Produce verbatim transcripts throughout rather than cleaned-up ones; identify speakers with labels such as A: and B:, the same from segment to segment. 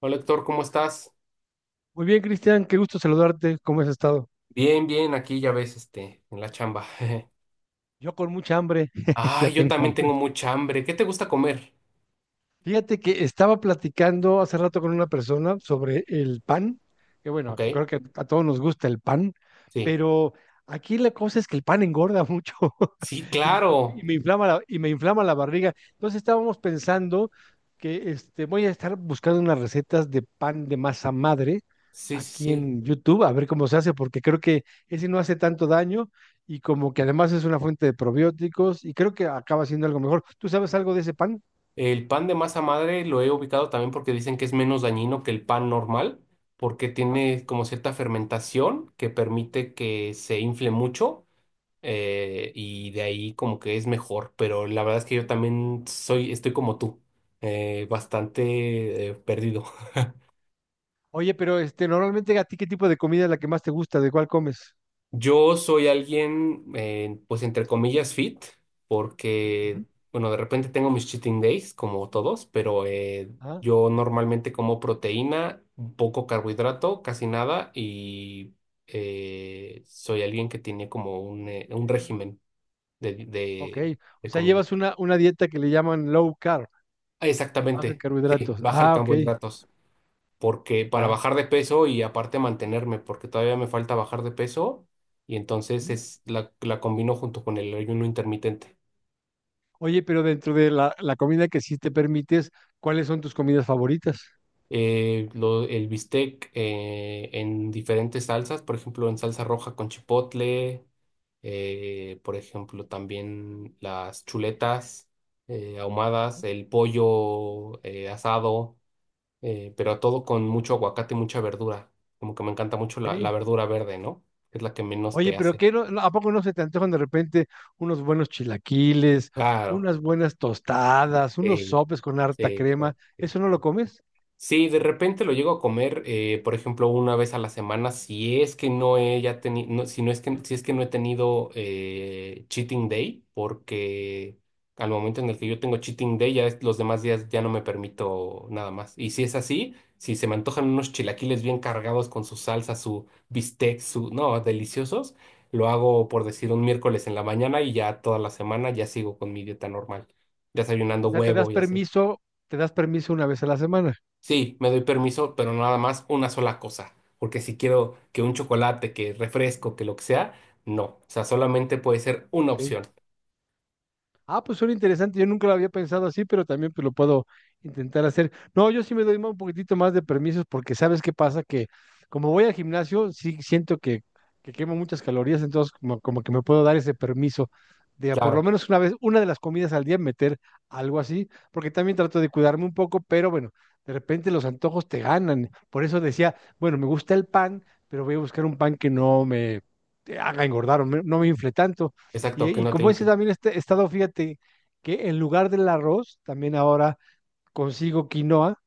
A: Hola Héctor, ¿cómo estás?
B: Muy bien, Cristian, qué gusto saludarte. ¿Cómo has estado?
A: Bien, bien, aquí ya ves, este, en la chamba.
B: Yo con mucha hambre, ya
A: Ay, yo
B: tengo
A: también
B: hambre.
A: tengo mucha hambre. ¿Qué te gusta comer?
B: Fíjate que estaba platicando hace rato con una persona sobre el pan, que
A: Ok,
B: bueno, creo que a todos nos gusta el pan,
A: sí.
B: pero aquí la cosa es que el pan engorda mucho
A: Sí,
B: y, y
A: claro.
B: me inflama la, y me inflama la barriga. Entonces estábamos pensando que este, voy a estar buscando unas recetas de pan de masa madre
A: Sí, sí,
B: aquí
A: sí.
B: en YouTube, a ver cómo se hace, porque creo que ese no hace tanto daño y como que además es una fuente de probióticos y creo que acaba siendo algo mejor. ¿Tú sabes algo de ese pan?
A: El pan de masa madre lo he ubicado también porque dicen que es menos dañino que el pan normal, porque tiene como cierta fermentación que permite que se infle mucho eh, y de ahí como que es mejor. Pero la verdad es que yo también soy, estoy como tú, eh, bastante eh, perdido.
B: Oye, pero este, normalmente a ti, ¿qué tipo de comida es la que más te gusta? ¿De cuál comes?
A: Yo soy alguien, eh, pues entre comillas, fit, porque,
B: Ujú.
A: bueno, de repente tengo mis cheating days, como todos, pero eh,
B: Ah,
A: yo normalmente como proteína, poco carbohidrato, casi nada, y eh, soy alguien que tiene como un, eh, un régimen de,
B: ok.
A: de,
B: O
A: de
B: sea,
A: comida.
B: llevas una, una dieta que le llaman low carb,
A: Ah,
B: baja en
A: exactamente, sí,
B: carbohidratos.
A: bajar
B: Ah, ok,
A: carbohidratos. Porque para
B: ya.
A: bajar de peso y aparte mantenerme, porque todavía me falta bajar de peso y entonces
B: Ujú.
A: es la, la combino junto con el ayuno intermitente.
B: Oye, pero dentro de la, la comida que sí te permites, ¿cuáles son tus comidas favoritas?
A: Eh, lo- el bistec eh, en diferentes salsas, por ejemplo, en salsa roja con chipotle, eh, por ejemplo, también las chuletas eh, ahumadas, el pollo eh, asado, eh, pero todo con mucho aguacate y mucha verdura. Como que me encanta mucho la, la
B: Ok.
A: verdura verde, ¿no? Que es la que menos
B: Oye,
A: te
B: pero
A: hace.
B: ¿qué no- no- ¿a poco no se te antojan de repente unos buenos chilaquiles,
A: Claro,
B: unas buenas tostadas, unos
A: sí,
B: sopes con harta
A: sí, sí,
B: crema?
A: sí.
B: ¿Eso no lo comes?
A: Sí, de repente lo llego a comer, eh, por ejemplo, una vez a la semana, si es que no he ya tenido, si no es que, si es que no he tenido eh, cheating day, porque al momento en el que yo tengo cheating day, ya es- los demás días ya no me permito nada más. Y si es así, si se me antojan unos chilaquiles bien cargados con su salsa, su bistec, su, no, deliciosos, lo hago por decir un miércoles en la mañana y ya toda la semana ya sigo con mi dieta normal,
B: O
A: desayunando
B: sea, te das
A: huevo y así.
B: permiso, te das permiso una vez a la semana.
A: Sí, me doy permiso, pero nada más una sola cosa. Porque si quiero que un chocolate, que refresco, que lo que sea, no. O sea, solamente puede ser una
B: Ok.
A: opción.
B: Ah, pues suena interesante, yo nunca lo había pensado así, pero también pues lo puedo intentar hacer. No, yo sí me doy más- un poquitito más de permisos porque sabes qué pasa, que como voy al gimnasio, sí siento que, que quemo muchas calorías, entonces como, como que me puedo dar ese permiso de a por lo
A: Claro,
B: menos una vez, una de las comidas al día meter algo así, porque también trato de cuidarme un poco, pero bueno, de repente los antojos te ganan. Por eso decía, bueno, me gusta el pan, pero voy a buscar un pan que no me haga engordar o me- no me infle tanto. Y,
A: exacto, que
B: y
A: no te
B: como ese
A: influye.
B: también este estado, fíjate que en lugar del arroz, también ahora consigo quinoa.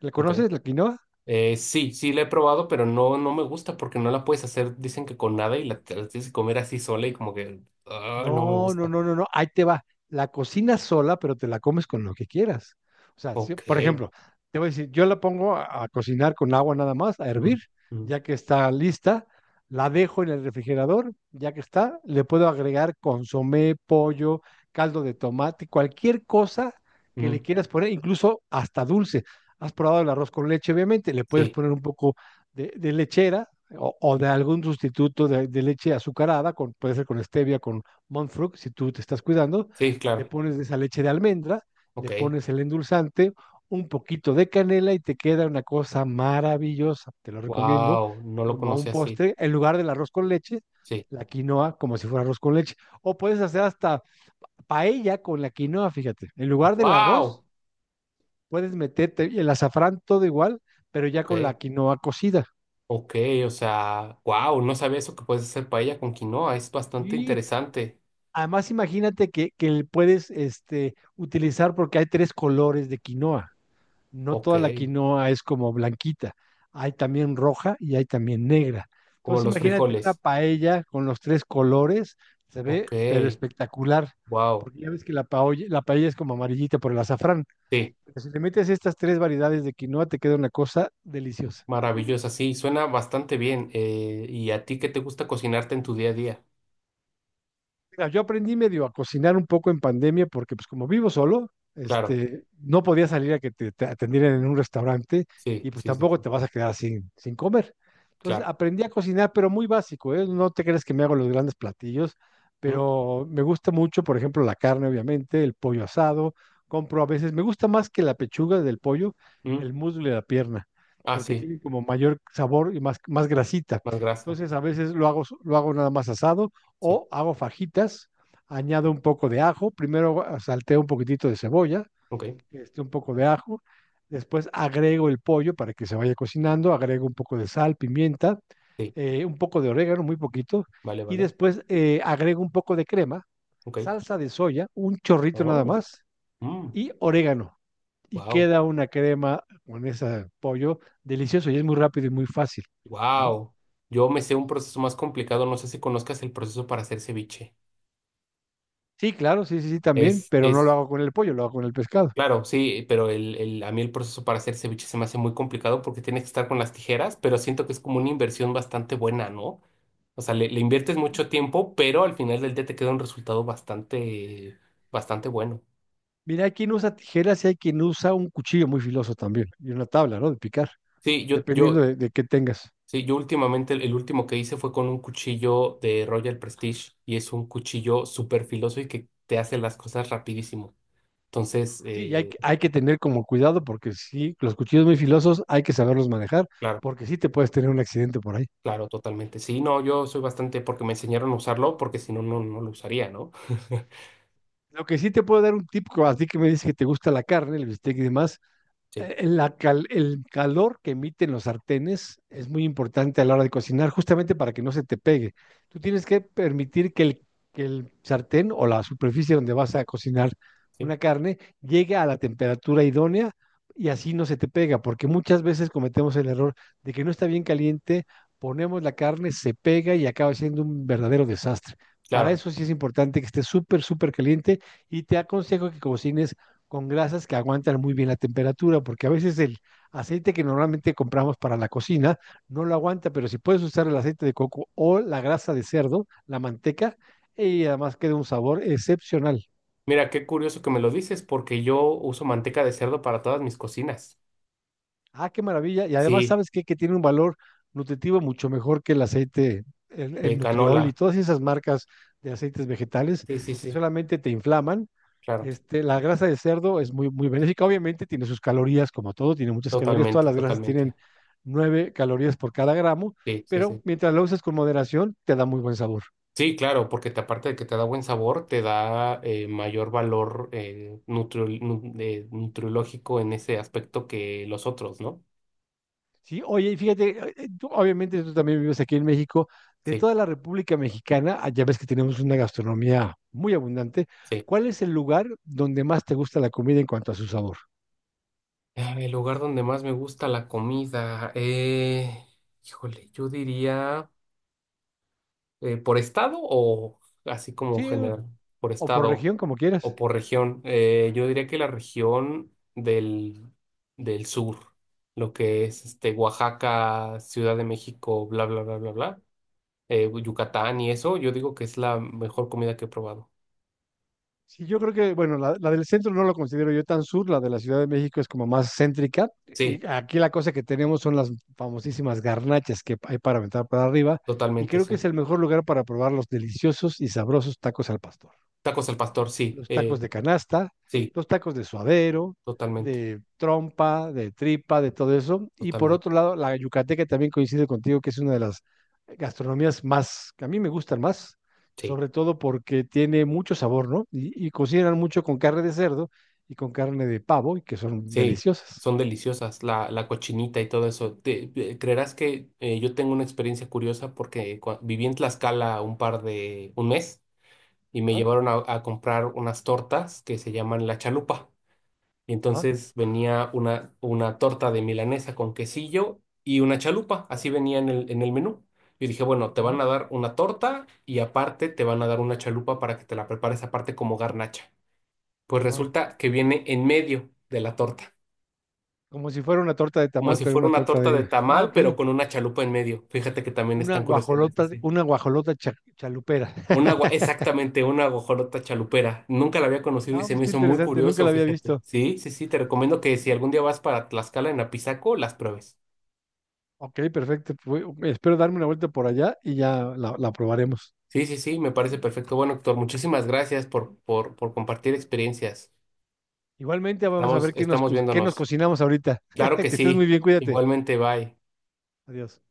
B: ¿La
A: Ok.
B: conoces, la quinoa?
A: Eh, sí, sí la he probado, pero no, no me gusta porque no la puedes hacer, dicen que con nada y la, te la tienes que comer así sola y como que, ah, no me
B: No, no,
A: gusta.
B: no, no, no. Ahí te va. La cocinas sola, pero te la comes con lo que quieras. O sea, si-
A: Ok.
B: por ejemplo, te voy a decir, yo la pongo a, a cocinar con agua nada más, a hervir,
A: Mm, mm,
B: ya que está lista, la dejo en el refrigerador, ya que está, le puedo agregar consomé, pollo, caldo de tomate, cualquier cosa que le
A: mm.
B: quieras poner, incluso hasta dulce. Has probado el arroz con leche, obviamente, le puedes
A: Sí,
B: poner un poco de, de lechera o, o de algún sustituto de, de leche azucarada, con, puede ser con stevia, con Montfruc, si tú te estás cuidando,
A: sí,
B: le
A: claro.
B: pones de esa leche de almendra,
A: Ok.
B: le pones el endulzante, un poquito de canela y te queda una cosa maravillosa. Te lo recomiendo
A: Wow, no lo
B: como un
A: conocí así.
B: postre en lugar del arroz con leche,
A: Sí.
B: la quinoa como si fuera arroz con leche. O puedes hacer hasta paella con la quinoa, fíjate. En lugar del arroz,
A: Wow.
B: puedes meterte el azafrán todo igual, pero ya
A: Ok.
B: con la quinoa cocida.
A: Ok, o sea, wow, no sabía eso que puedes hacer paella con quinoa, es bastante
B: Y
A: interesante.
B: además imagínate que, que le puedes este, utilizar porque hay tres colores de quinoa. No
A: Ok,
B: toda la quinoa es como blanquita, hay también roja y hay también negra.
A: como
B: Entonces
A: los
B: imagínate una
A: frijoles.
B: paella con los tres colores, se
A: Ok,
B: ve pero espectacular,
A: wow,
B: porque ya ves que la paolla- la paella es como amarillita por el azafrán,
A: sí,
B: pero si le metes estas tres variedades de quinoa te queda una cosa deliciosa.
A: maravilloso, sí, suena bastante bien. eh, ¿y a ti qué te gusta cocinarte en tu día a día?
B: Mira, yo aprendí medio a cocinar un poco en pandemia porque pues como vivo solo,
A: Claro,
B: este, no podía salir a que te, te atendieran en un restaurante
A: sí,
B: y pues
A: sí, sí,
B: tampoco
A: sí,
B: te vas a quedar sin, sin comer. Entonces
A: claro.
B: aprendí a cocinar, pero muy básico, ¿eh? No te crees que me hago los grandes platillos,
A: Mm,
B: pero me gusta mucho, por ejemplo, la carne, obviamente, el pollo asado, compro a veces, me gusta más que la pechuga del pollo,
A: mm,
B: el muslo y la pierna,
A: ah,
B: porque
A: sí,
B: tiene como mayor sabor y más, más grasita.
A: más grasa,
B: Entonces a veces lo hago, lo hago nada más asado
A: sí,
B: o hago fajitas, añado un poco de ajo, primero salteo un poquitito de cebolla,
A: ok,
B: este, un poco de ajo, después agrego el pollo para que se vaya cocinando, agrego un poco de sal, pimienta,
A: sí,
B: eh, un poco de orégano, muy poquito,
A: vale,
B: y
A: vale,
B: después eh, agrego un poco de crema,
A: ok.
B: salsa de soya, un chorrito nada
A: Oh,
B: más, y orégano. Y
A: wow,
B: queda una crema con ese pollo delicioso y es muy rápido y muy fácil, ¿no?
A: wow. Yo me sé un proceso más complicado, no sé si conozcas el proceso para hacer ceviche.
B: Sí, claro, sí, sí, sí, también,
A: Es,
B: pero no lo
A: es,
B: hago con el pollo, lo hago con el pescado.
A: claro, sí, pero el, el- a mí el proceso para hacer ceviche se me hace muy complicado porque tienes que estar con las tijeras, pero siento que es como una inversión bastante buena, ¿no? O sea, le, le inviertes mucho tiempo, pero al final del día te queda un resultado bastante, bastante bueno.
B: Mira, hay quien usa tijeras y hay quien usa un cuchillo muy filoso también, y una tabla, ¿no? De picar,
A: Sí, yo, yo,
B: dependiendo de, de qué tengas.
A: sí, yo últimamente el, el último que hice fue con un cuchillo de Royal Prestige y es un cuchillo súper filoso y que te hace las cosas rapidísimo. Entonces,
B: Sí, y hay,
A: eh,
B: que- hay que tener como cuidado porque sí, los cuchillos muy filosos hay que saberlos manejar,
A: claro.
B: porque sí te puedes tener un accidente por ahí.
A: Claro, totalmente. Sí, no, yo soy bastante porque me enseñaron a usarlo, porque si no, no, no lo usaría, ¿no?
B: Lo que sí te puedo dar un tip, co- a ti que me dices que te gusta la carne, el bistec y demás,
A: Sí,
B: eh, la cal- el calor que emiten los sartenes es muy importante a la hora de cocinar, justamente para que no se te pegue. Tú tienes que permitir que el, que el sartén o la superficie donde vas a cocinar
A: sí,
B: una carne llegue a la temperatura idónea y así no se te pega, porque muchas veces cometemos el error de que no está bien caliente, ponemos la carne, se pega y acaba siendo un verdadero desastre. Para
A: claro.
B: eso sí es importante que esté súper, súper caliente y te aconsejo que cocines con grasas que aguantan muy bien la temperatura, porque a veces el aceite que normalmente compramos para la cocina no lo aguanta, pero si puedes usar el aceite de coco o la grasa de cerdo, la manteca, y además queda un sabor excepcional.
A: Mira, qué curioso que me lo dices, porque yo uso manteca de cerdo para todas mis cocinas.
B: Ah, qué maravilla. Y además,
A: Sí,
B: ¿sabes qué? Que tiene un valor nutritivo mucho mejor que el aceite, el,
A: de
B: el Nutriol
A: canola.
B: y todas esas marcas de aceites vegetales
A: Sí, sí,
B: que
A: sí,
B: solamente te inflaman.
A: claro.
B: Este, la grasa de cerdo es muy, muy benéfica. Obviamente tiene sus calorías, como todo, tiene muchas calorías. Todas
A: Totalmente,
B: las grasas
A: totalmente.
B: tienen nueve calorías por cada gramo,
A: Sí, sí,
B: pero
A: sí.
B: mientras lo uses con moderación, te da muy buen sabor.
A: Sí, claro, porque te- aparte de que te da buen sabor, te da eh, mayor valor eh, nutri- nu- eh, nutriológico en ese aspecto que los otros, ¿no?
B: Sí, oye, y fíjate, eh, eh, tú, obviamente tú también vives aquí en México, de
A: Sí.
B: toda la República Mexicana, ah, ya ves que tenemos una gastronomía muy abundante,
A: Sí.
B: ¿cuál es el lugar donde más te gusta la comida en cuanto a su sabor?
A: Ah, el lugar donde más me gusta la comida. Eh, híjole, yo diría eh, por estado o así como
B: Sí,
A: general, por
B: o por
A: estado
B: región, como quieras.
A: o por región. Eh, yo diría que la región del, del sur, lo que es este Oaxaca, Ciudad de México, bla, bla, bla, bla, bla, eh, Yucatán y eso, yo digo que es la mejor comida que he probado.
B: Sí, yo creo que, bueno, la, la del centro no lo considero yo tan sur, la de la Ciudad de México es como más céntrica,
A: Sí,
B: y aquí la cosa que tenemos son las famosísimas garnachas que hay para aventar para arriba, y
A: totalmente,
B: creo que
A: sí.
B: es el mejor lugar para probar los deliciosos y sabrosos tacos al pastor.
A: Tacos al pastor, sí,
B: Los tacos
A: eh,
B: de canasta,
A: sí,
B: los tacos de suadero,
A: totalmente,
B: de trompa, de tripa, de todo eso. Y por
A: totalmente.
B: otro lado, la yucateca también coincide contigo, que es una de las gastronomías más, que a mí me gustan más,
A: Sí.
B: sobre todo porque tiene mucho sabor, ¿no? Y, y cocinan mucho con carne de cerdo y con carne de pavo, y que son
A: Sí,
B: deliciosas.
A: son deliciosas, la, la cochinita y todo eso. Te- te- creerás que eh, yo tengo una experiencia curiosa porque cua- viví en Tlaxcala un par de, un mes y me
B: Ajá,
A: llevaron a, a comprar unas tortas que se llaman la chalupa. Y
B: ajá,
A: entonces venía una, una torta de milanesa con quesillo y una chalupa, así venía en el, en el menú. Yo dije, bueno, te
B: mm,
A: van a dar una torta y aparte te van a dar una chalupa para que te la prepares aparte como garnacha. Pues
B: ajá.
A: resulta que viene en medio de la torta.
B: Como si fuera una torta de
A: Como
B: tamal,
A: si
B: pero
A: fuera
B: una
A: una
B: torta
A: torta de
B: de... Ah,
A: tamal,
B: ok.
A: pero con una chalupa en medio. Fíjate que también
B: Una
A: están curiosidades
B: guajolota,
A: así.
B: una guajolota cha- chalupera.
A: Una agua, exactamente, una guajolota chalupera. Nunca la había conocido y
B: Ah,
A: se
B: pues
A: me
B: qué
A: hizo muy
B: interesante, nunca
A: curioso,
B: la había
A: fíjate.
B: visto.
A: Sí, sí, sí, te recomiendo que si algún día vas para Tlaxcala en Apizaco, las pruebes.
B: Ok, perfecto. Pues, espero darme una vuelta por allá y ya la, la probaremos.
A: Sí, sí, sí, me parece perfecto. Bueno, Héctor, muchísimas gracias por, por, por compartir experiencias.
B: Igualmente, vamos a
A: Estamos,
B: ver qué nos,
A: estamos
B: co- qué nos
A: viéndonos.
B: cocinamos ahorita.
A: Claro que
B: Que estés muy
A: sí.
B: bien, cuídate.
A: Igualmente, bye.
B: Adiós.